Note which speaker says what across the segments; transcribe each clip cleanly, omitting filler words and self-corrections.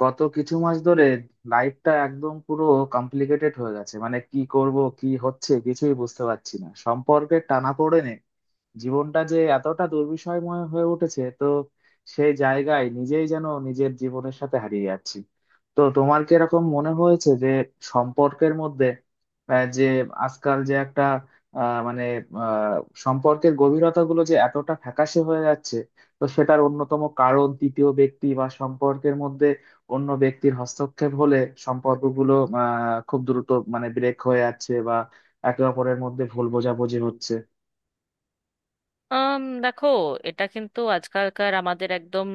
Speaker 1: গত কিছু মাস ধরে লাইফটা একদম পুরো কমপ্লিকেটেড হয়ে গেছে। মানে কি করব কি হচ্ছে কিছুই বুঝতে পারছি না। সম্পর্কের টানাপোড়েনে জীবনটা যে এতটা দুর্বিষয়ময় হয়ে উঠেছে। তো সেই জায়গায় নিজেই যেন নিজের জীবনের সাথে হারিয়ে যাচ্ছি। তো তোমার কি এরকম মনে হয়েছে যে সম্পর্কের মধ্যে যে আজকাল যে একটা মানে আহ, সম্পর্কের গভীরতা গুলো যে এতটা ফ্যাকাশে হয়ে যাচ্ছে? তো সেটার অন্যতম কারণ তৃতীয় ব্যক্তি বা সম্পর্কের মধ্যে অন্য ব্যক্তির হস্তক্ষেপ হলে সম্পর্কগুলো আহ খুব দ্রুত মানে ব্রেক হয়ে যাচ্ছে বা একে অপরের মধ্যে ভুল বোঝাবুঝি হচ্ছে।
Speaker 2: দেখো, এটা কিন্তু আজকালকার আমাদের একদম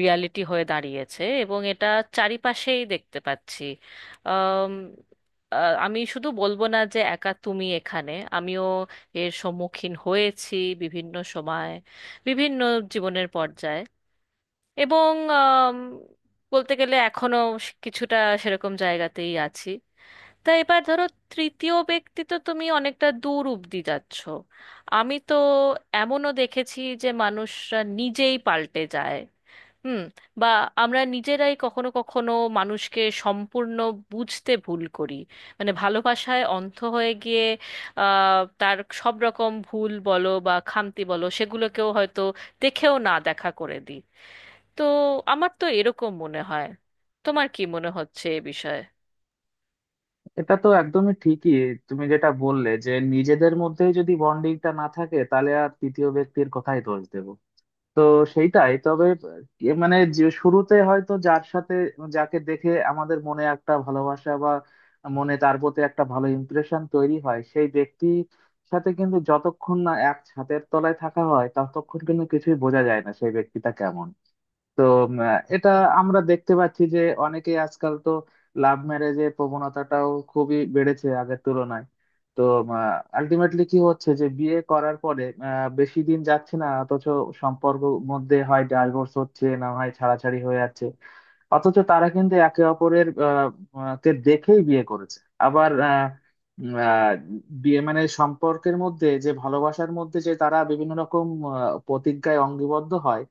Speaker 2: রিয়ালিটি হয়ে দাঁড়িয়েছে এবং এটা চারিপাশেই দেখতে পাচ্ছি। আম, আ, আমি শুধু বলবো না যে একা তুমি এখানে, আমিও এর সম্মুখীন হয়েছি বিভিন্ন সময়, বিভিন্ন জীবনের পর্যায়ে, এবং আম, বলতে গেলে এখনো কিছুটা সেরকম জায়গাতেই আছি। তা এবার ধরো, তৃতীয় ব্যক্তি তো, তুমি অনেকটা দূর অব্দি যাচ্ছ। আমি তো এমনও দেখেছি যে মানুষরা নিজেই পাল্টে যায়। হুম। বা আমরা নিজেরাই কখনো কখনো মানুষকে সম্পূর্ণ বুঝতে ভুল করি, মানে ভালোবাসায় অন্ধ হয়ে গিয়ে তার সব রকম ভুল বলো বা খামতি বলো সেগুলোকেও হয়তো দেখেও না দেখা করে দিই। তো আমার তো এরকম মনে হয়। তোমার কি মনে হচ্ছে এ বিষয়ে?
Speaker 1: এটা তো একদমই ঠিকই। তুমি যেটা বললে যে নিজেদের মধ্যেই যদি বন্ডিংটা না থাকে তাহলে আর তৃতীয় ব্যক্তির কথাই দোষ দেব। তো সেইটাই তবে এ মানে যে শুরুতে হয়তো যার সাথে যাকে দেখে আমাদের মনে একটা ভালোবাসা বা মনে তার প্রতি একটা ভালো ইমপ্রেশন তৈরি হয় সেই ব্যক্তির সাথে কিন্তু যতক্ষণ না এক ছাদের তলায় থাকা হয় ততক্ষণ কিন্তু কিছুই বোঝা যায় না সেই ব্যক্তিটা কেমন। তো উম, এটা আমরা দেখতে পাচ্ছি যে অনেকেই আজকাল তো লাভ ম্যারেজের প্রবণতাটাও খুবই বেড়েছে আগের তুলনায়। তো আলটিমেটলি কি হচ্ছে যে বিয়ে করার পরে বেশি দিন যাচ্ছে না, অথচ সম্পর্ক মধ্যে হয় ডাইভোর্স হচ্ছে না হয় ছাড়াছাড়ি হয়ে যাচ্ছে। অথচ তারা কিন্তু একে অপরের আহ, আহ, কে দেখেই বিয়ে করেছে। আবার উম, আহ, বিয়ে মানে সম্পর্কের মধ্যে যে ভালোবাসার মধ্যে যে তারা বিভিন্ন রকম আহ, প্রতিজ্ঞায় অঙ্গিবদ্ধ হয়।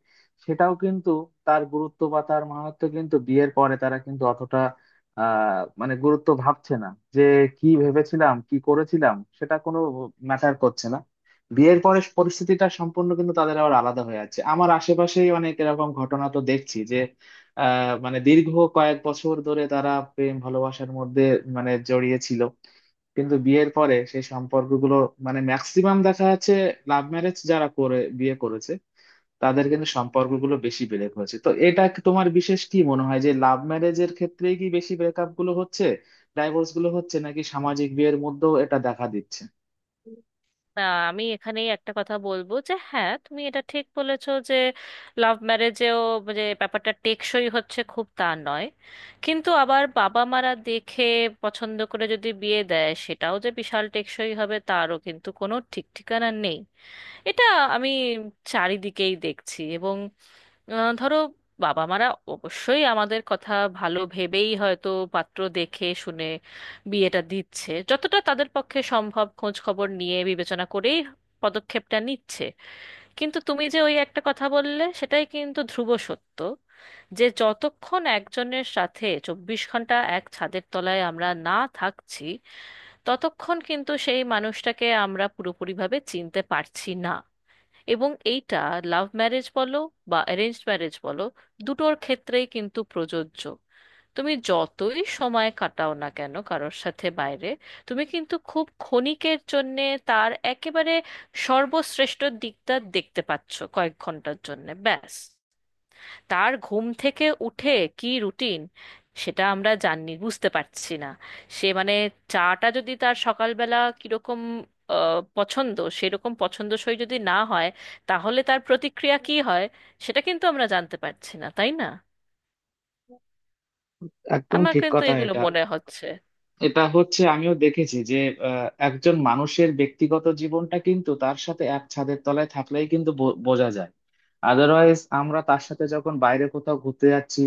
Speaker 1: সেটাও কিন্তু তার গুরুত্ব বা তার মাহাত্ম্য কিন্তু বিয়ের পরে তারা কিন্তু অতটা মানে গুরুত্ব ভাবছে না। যে কি ভেবেছিলাম কি করেছিলাম সেটা কোনো ম্যাটার করছে না। বিয়ের পরে পরিস্থিতিটা সম্পূর্ণ কিন্তু তাদের আবার আলাদা হয়ে যাচ্ছে। আমার আশেপাশেই অনেক এরকম ঘটনা তো দেখছি। মানে দীর্ঘ কয়েক বছর ধরে তারা প্রেম ভালোবাসার মধ্যে মানে জড়িয়ে ছিল কিন্তু বিয়ের পরে সেই সম্পর্কগুলো মানে ম্যাক্সিমাম দেখা যাচ্ছে লাভ ম্যারেজ যারা করে বিয়ে করেছে তাদের কিন্তু সম্পর্কগুলো বেশি ব্রেক হয়েছে। তো এটা কি তোমার বিশেষ কি মনে হয় যে লাভ ম্যারেজের ক্ষেত্রেই কি বেশি ব্রেকআপ গুলো হচ্ছে, ডাইভোর্স গুলো হচ্ছে নাকি সামাজিক বিয়ের মধ্যেও এটা দেখা দিচ্ছে?
Speaker 2: না, আমি এখানেই একটা কথা বলবো যে হ্যাঁ, তুমি এটা ঠিক বলেছো যে লাভ ম্যারেজেও যে ব্যাপারটা টেকসই হচ্ছে খুব, তা নয়। কিন্তু আবার বাবা মারা দেখে পছন্দ করে যদি বিয়ে দেয়, সেটাও যে বিশাল টেকসই হবে, তারও কিন্তু কোনো ঠিক ঠিকানা নেই। এটা আমি চারিদিকেই দেখছি। এবং ধরো, বাবা মারা অবশ্যই আমাদের কথা ভালো ভেবেই হয়তো পাত্র দেখে শুনে বিয়েটা দিচ্ছে, যতটা তাদের পক্ষে সম্ভব খোঁজ খবর নিয়ে বিবেচনা করেই পদক্ষেপটা নিচ্ছে। কিন্তু তুমি যে ওই একটা কথা বললে, সেটাই কিন্তু ধ্রুব সত্য, যে যতক্ষণ একজনের সাথে 24 ঘন্টা এক ছাদের তলায় আমরা না থাকছি, ততক্ষণ কিন্তু সেই মানুষটাকে আমরা পুরোপুরিভাবে চিনতে পারছি না। এবং এইটা লাভ ম্যারেজ বলো বা অ্যারেঞ্জড ম্যারেজ বলো, দুটোর ক্ষেত্রেই কিন্তু প্রযোজ্য। তুমি যতই সময় কাটাও না কেন কারোর সাথে বাইরে, তুমি কিন্তু খুব ক্ষণিকের জন্যে তার একেবারে সর্বশ্রেষ্ঠ দিকটা দেখতে পাচ্ছ, কয়েক ঘন্টার জন্যে ব্যাস। তার ঘুম থেকে উঠে কি রুটিন, সেটা আমরা জানি বুঝতে পারছি না। সে মানে চাটা যদি তার সকালবেলা কিরকম পছন্দ, সেরকম পছন্দসই যদি না হয়, তাহলে তার প্রতিক্রিয়া কি হয়, সেটা কিন্তু আমরা জানতে পারছি না, তাই না?
Speaker 1: একদম
Speaker 2: আমার
Speaker 1: ঠিক
Speaker 2: কিন্তু
Speaker 1: কথা
Speaker 2: এগুলো
Speaker 1: এটা।
Speaker 2: মনে হচ্ছে।
Speaker 1: এটা হচ্ছে আমিও দেখেছি যে একজন মানুষের ব্যক্তিগত জীবনটা কিন্তু তার সাথে এক ছাদের তলায় থাকলেই কিন্তু বোঝা যায়। আদারওয়াইজ আমরা তার সাথে যখন বাইরে কোথাও ঘুরতে যাচ্ছি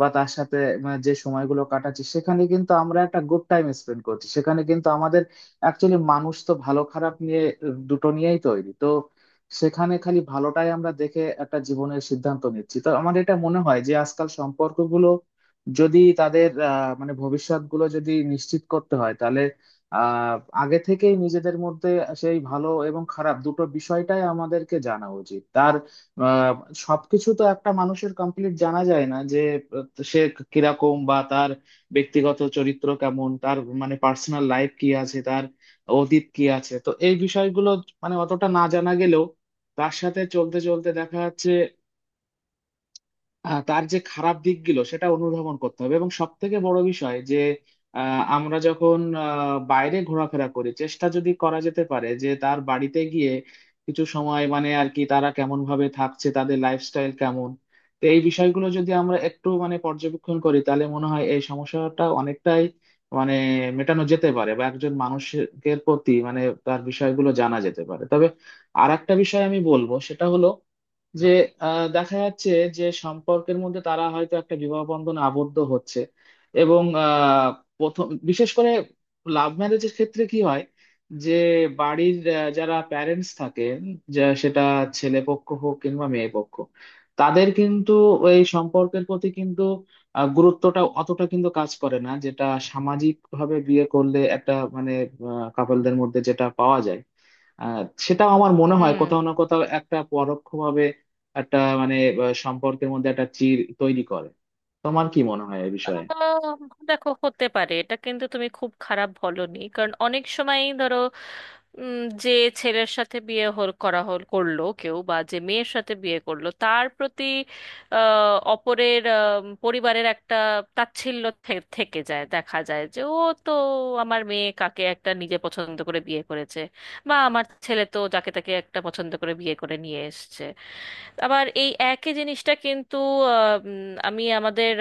Speaker 1: বা তার সাথে মানে, যে সময়গুলো কাটাচ্ছি সেখানে কিন্তু আমরা একটা গুড টাইম স্পেন্ড করছি, সেখানে কিন্তু আমাদের অ্যাকচুয়ালি মানুষ তো ভালো খারাপ নিয়ে দুটো নিয়েই তৈরি তো। সেখানে খালি ভালোটাই আমরা দেখে একটা জীবনের সিদ্ধান্ত নিচ্ছি। তো আমার এটা মনে হয় যে আজকাল সম্পর্কগুলো যদি তাদের মানে ভবিষ্যৎ গুলো যদি নিশ্চিত করতে হয় তাহলে আহ, আগে থেকেই নিজেদের মধ্যে সেই ভালো এবং খারাপ দুটো বিষয়টাই আমাদেরকে জানা উচিত তার। আহ, সবকিছু তো একটা মানুষের কমপ্লিট জানা যায় না যে সে কিরকম বা তার ব্যক্তিগত চরিত্র কেমন, তার মানে পার্সোনাল লাইফ কি আছে, তার অতীত কি আছে। তো এই বিষয়গুলো মানে অতটা না জানা গেলেও তার সাথে চলতে চলতে দেখা যাচ্ছে তার যে খারাপ দিকগুলো সেটা অনুধাবন করতে হবে। এবং সব থেকে বড় বিষয় যে আমরা যখন বাইরে ঘোরাফেরা করি, চেষ্টা যদি করা যেতে পারে যে তার বাড়িতে গিয়ে কিছু সময় মানে আর কি, তারা কেমন ভাবে থাকছে, তাদের লাইফস্টাইল কেমন। তো এই বিষয়গুলো যদি আমরা একটু মানে পর্যবেক্ষণ করি তাহলে মনে হয় এই সমস্যাটা অনেকটাই মানে মেটানো যেতে পারে বা একজন মানুষের প্রতি মানে তার বিষয়গুলো জানা যেতে পারে। তবে আর একটা বিষয় আমি বলবো সেটা হলো যে দেখা যাচ্ছে যে সম্পর্কের মধ্যে তারা হয়তো একটা বিবাহ বন্ধনে আবদ্ধ হচ্ছে এবং প্রথম বিশেষ করে লাভ ম্যারেজের ক্ষেত্রে কি হয় যে বাড়ির যারা প্যারেন্টস থাকে, যা সেটা ছেলে পক্ষ হোক কিংবা মেয়ে পক্ষ তাদের কিন্তু এই সম্পর্কের প্রতি কিন্তু গুরুত্বটা অতটা কিন্তু কাজ করে না যেটা সামাজিক ভাবে বিয়ে করলে একটা মানে কাপলদের মধ্যে যেটা পাওয়া যায়। আহ, সেটাও আমার মনে হয়
Speaker 2: হুম।
Speaker 1: কোথাও না কোথাও একটা পরোক্ষভাবে একটা মানে সম্পর্কের মধ্যে একটা চির তৈরি করে। তোমার কি মনে হয় এই বিষয়ে?
Speaker 2: আহ, দেখো, হতে পারে, এটা কিন্তু তুমি খুব খারাপ বলনি, কারণ অনেক সময় ধরো উম, যে ছেলের সাথে বিয়ে হল করা হল করলো কেউ, বা যে মেয়ের সাথে বিয়ে করলো, তার প্রতি অপরের পরিবারের একটা তাচ্ছিল্য থেকে যায়। দেখা যায় যে, ও তো আমার মেয়ে কাকে একটা নিজে পছন্দ করে বিয়ে করেছে, বা আমার ছেলে তো যাকে তাকে একটা পছন্দ করে বিয়ে করে নিয়ে এসেছে। আবার এই একই জিনিসটা কিন্তু আমি আমাদের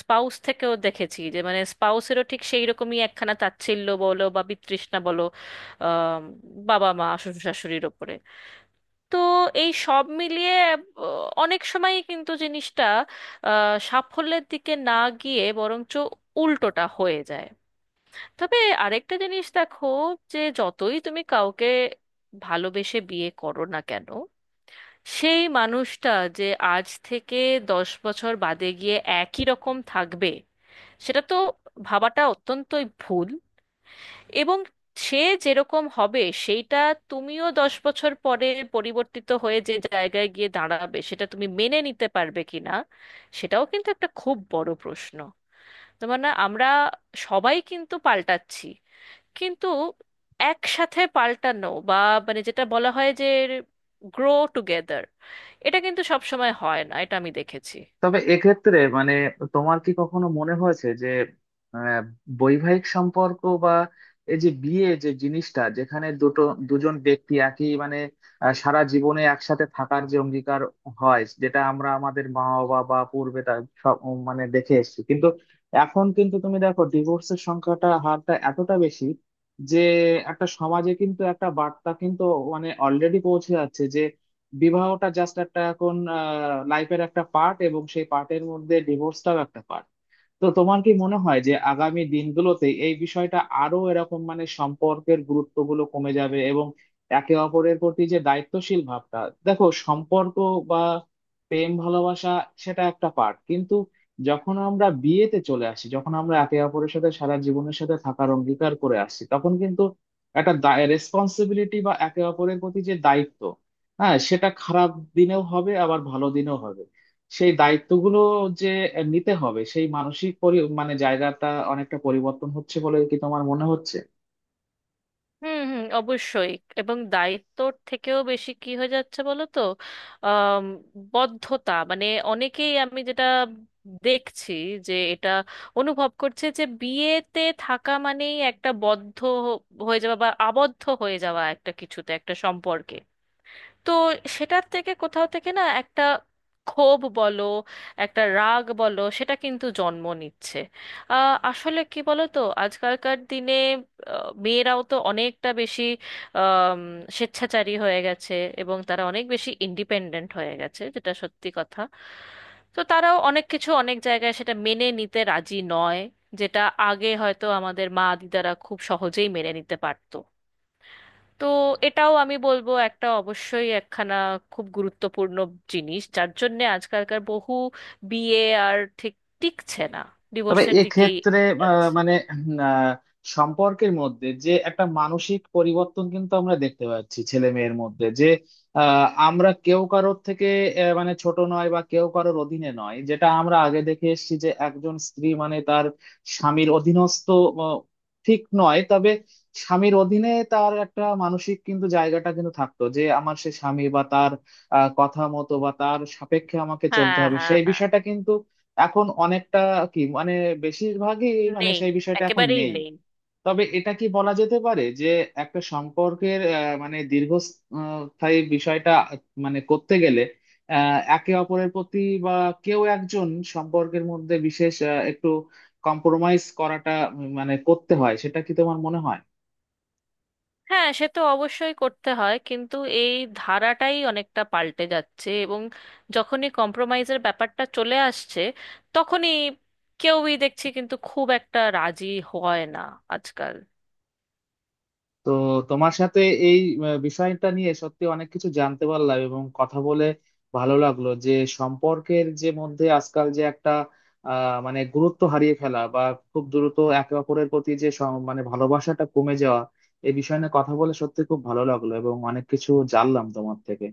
Speaker 2: স্পাউস থেকেও দেখেছি, যে মানে স্পাউসেরও ঠিক সেই রকমই একখানা তাচ্ছিল্য বলো বা বিতৃষ্ণা বলো আম, বাবা মা শ্বশুর শাশুড়ির ওপরে। তো এই সব মিলিয়ে আহ, অনেক সময়ই কিন্তু জিনিসটা সাফল্যের দিকে না গিয়ে বরঞ্চ উল্টোটা হয়ে যায়। তবে আরেকটা জিনিস দেখো, যে যতই তুমি কাউকে ভালোবেসে বিয়ে করো না কেন, সেই মানুষটা যে আজ থেকে 10 বছর বাদে গিয়ে একই রকম থাকবে, সেটা তো ভাবাটা অত্যন্তই ভুল। এবং সে যেরকম হবে সেইটা, তুমিও 10 বছর পরে পরিবর্তিত হয়ে যে জায়গায় গিয়ে দাঁড়াবে, সেটা তুমি মেনে নিতে পারবে কিনা, সেটাও কিন্তু একটা খুব বড় প্রশ্ন। তো মানে আমরা সবাই কিন্তু পাল্টাচ্ছি, কিন্তু একসাথে পাল্টানো, বা মানে যেটা বলা হয় যে গ্রো টুগেদার, এটা কিন্তু সব সময় হয় না, এটা আমি দেখেছি।
Speaker 1: তবে এক্ষেত্রে মানে তোমার কি কখনো মনে হয়েছে যে আহ, বৈবাহিক সম্পর্ক বা এই যে বিয়ে যে জিনিসটা যেখানে দুটো দুজন ব্যক্তি একই মানে সারা জীবনে একসাথে থাকার যে অঙ্গীকার হয় যেটা আমরা আমাদের মা বাবা বা পূর্বে তার সব মানে দেখে এসেছি, কিন্তু এখন কিন্তু তুমি দেখো ডিভোর্সের সংখ্যাটা হারটা এতটা বেশি যে একটা সমাজে কিন্তু একটা বার্তা কিন্তু মানে অলরেডি পৌঁছে যাচ্ছে, বিবাহটা জাস্ট একটা এখন লাইফের একটা পার্ট এবং সেই পার্টের মধ্যে ডিভোর্সটাও একটা পার্ট। তো তোমার কি মনে হয় যে আগামী দিনগুলোতে এই বিষয়টা আরো এরকম মানে সম্পর্কের গুরুত্বগুলো কমে যাবে এবং একে অপরের প্রতি যে দায়িত্বশীল ভাবটা, দেখো সম্পর্ক বা প্রেম ভালোবাসা সেটা একটা পার্ট কিন্তু যখন আমরা বিয়েতে চলে আসি, যখন আমরা একে অপরের সাথে সারা জীবনের সাথে থাকার অঙ্গীকার করে আসছি তখন কিন্তু একটা রেসপন্সিবিলিটি বা একে অপরের প্রতি যে দায়িত্ব, হ্যাঁ সেটা খারাপ দিনেও হবে আবার ভালো দিনেও হবে, সেই দায়িত্বগুলো যে নিতে হবে সেই মানসিক মানে জায়গাটা অনেকটা পরিবর্তন হচ্ছে বলে কি তোমার মনে হচ্ছে?
Speaker 2: হুম হুম, অবশ্যই। এবং দায়িত্বর থেকেও বেশি কি হয়ে যাচ্ছে বলো তো, আম, বদ্ধতা, মানে অনেকেই আমি যেটা দেখছি, যে এটা অনুভব করছে যে বিয়েতে থাকা মানেই একটা বদ্ধ হয়ে যাওয়া, বা আবদ্ধ হয়ে যাওয়া একটা কিছুতে, একটা সম্পর্কে। তো সেটার থেকে কোথাও থেকে না একটা ক্ষোভ বলো, একটা রাগ বলো, সেটা কিন্তু জন্ম নিচ্ছে। আসলে কি বলো তো, আজকালকার দিনে মেয়েরাও তো অনেকটা বেশি আম, স্বেচ্ছাচারী হয়ে গেছে, এবং তারা অনেক বেশি ইন্ডিপেন্ডেন্ট হয়ে গেছে, যেটা সত্যি কথা। তো তারাও অনেক কিছু অনেক জায়গায় সেটা মেনে নিতে রাজি নয়, যেটা আগে হয়তো আমাদের মা দিদারা খুব সহজেই মেনে নিতে পারতো। তো এটাও আমি বলবো একটা অবশ্যই একখানা খুব গুরুত্বপূর্ণ জিনিস, যার জন্যে আজকালকার বহু বিয়ে আর ঠিক টিকছে না,
Speaker 1: তবে
Speaker 2: ডিভোর্সের দিকেই
Speaker 1: এক্ষেত্রে
Speaker 2: যাচ্ছে।
Speaker 1: মানে আহ, সম্পর্কের মধ্যে যে একটা মানসিক পরিবর্তন কিন্তু আমরা দেখতে পাচ্ছি ছেলে মেয়ের মধ্যে যে আমরা কেউ কারোর থেকে মানে ছোট নয় বা কেউ কারোর অধীনে নয়, যেটা আমরা আগে দেখে এসেছি যে একজন স্ত্রী মানে তার স্বামীর অধীনস্থ আহ, ঠিক নয়, তবে স্বামীর অধীনে তার একটা মানসিক কিন্তু জায়গাটা কিন্তু থাকতো যে আমার সে স্বামী বা তার কথা মতো বা তার সাপেক্ষে আমাকে চলতে
Speaker 2: হ্যাঁ,
Speaker 1: হবে,
Speaker 2: হ্যাঁ,
Speaker 1: সেই
Speaker 2: হ্যাঁ।
Speaker 1: বিষয়টা কিন্তু এখন অনেকটা কি মানে বেশিরভাগই মানে
Speaker 2: নেই,
Speaker 1: সেই বিষয়টা এখন
Speaker 2: একেবারেই
Speaker 1: নেই।
Speaker 2: নেই।
Speaker 1: তবে এটা কি বলা যেতে পারে যে একটা সম্পর্কের মানে দীর্ঘস্থায়ী বিষয়টা মানে করতে গেলে একে অপরের প্রতি বা কেউ একজন সম্পর্কের মধ্যে বিশেষ একটু কম্প্রোমাইজ করাটা মানে করতে হয়, সেটা কি তোমার মনে হয়?
Speaker 2: হ্যাঁ, সে তো অবশ্যই করতে হয়, কিন্তু এই ধারাটাই অনেকটা পাল্টে যাচ্ছে, এবং যখনই কম্প্রোমাইজের ব্যাপারটা চলে আসছে, তখনই কেউই দেখছি কিন্তু খুব একটা রাজি হয় না আজকাল।
Speaker 1: তো তোমার সাথে এই বিষয়টা নিয়ে সত্যি অনেক কিছু জানতে পারলাম এবং কথা বলে ভালো লাগলো যে সম্পর্কের যে মধ্যে আজকাল যে একটা মানে গুরুত্ব হারিয়ে ফেলা বা খুব দ্রুত একে অপরের প্রতি যে মানে ভালোবাসাটা কমে যাওয়া, এই বিষয় নিয়ে কথা বলে সত্যি খুব ভালো লাগলো এবং অনেক কিছু জানলাম তোমার থেকে।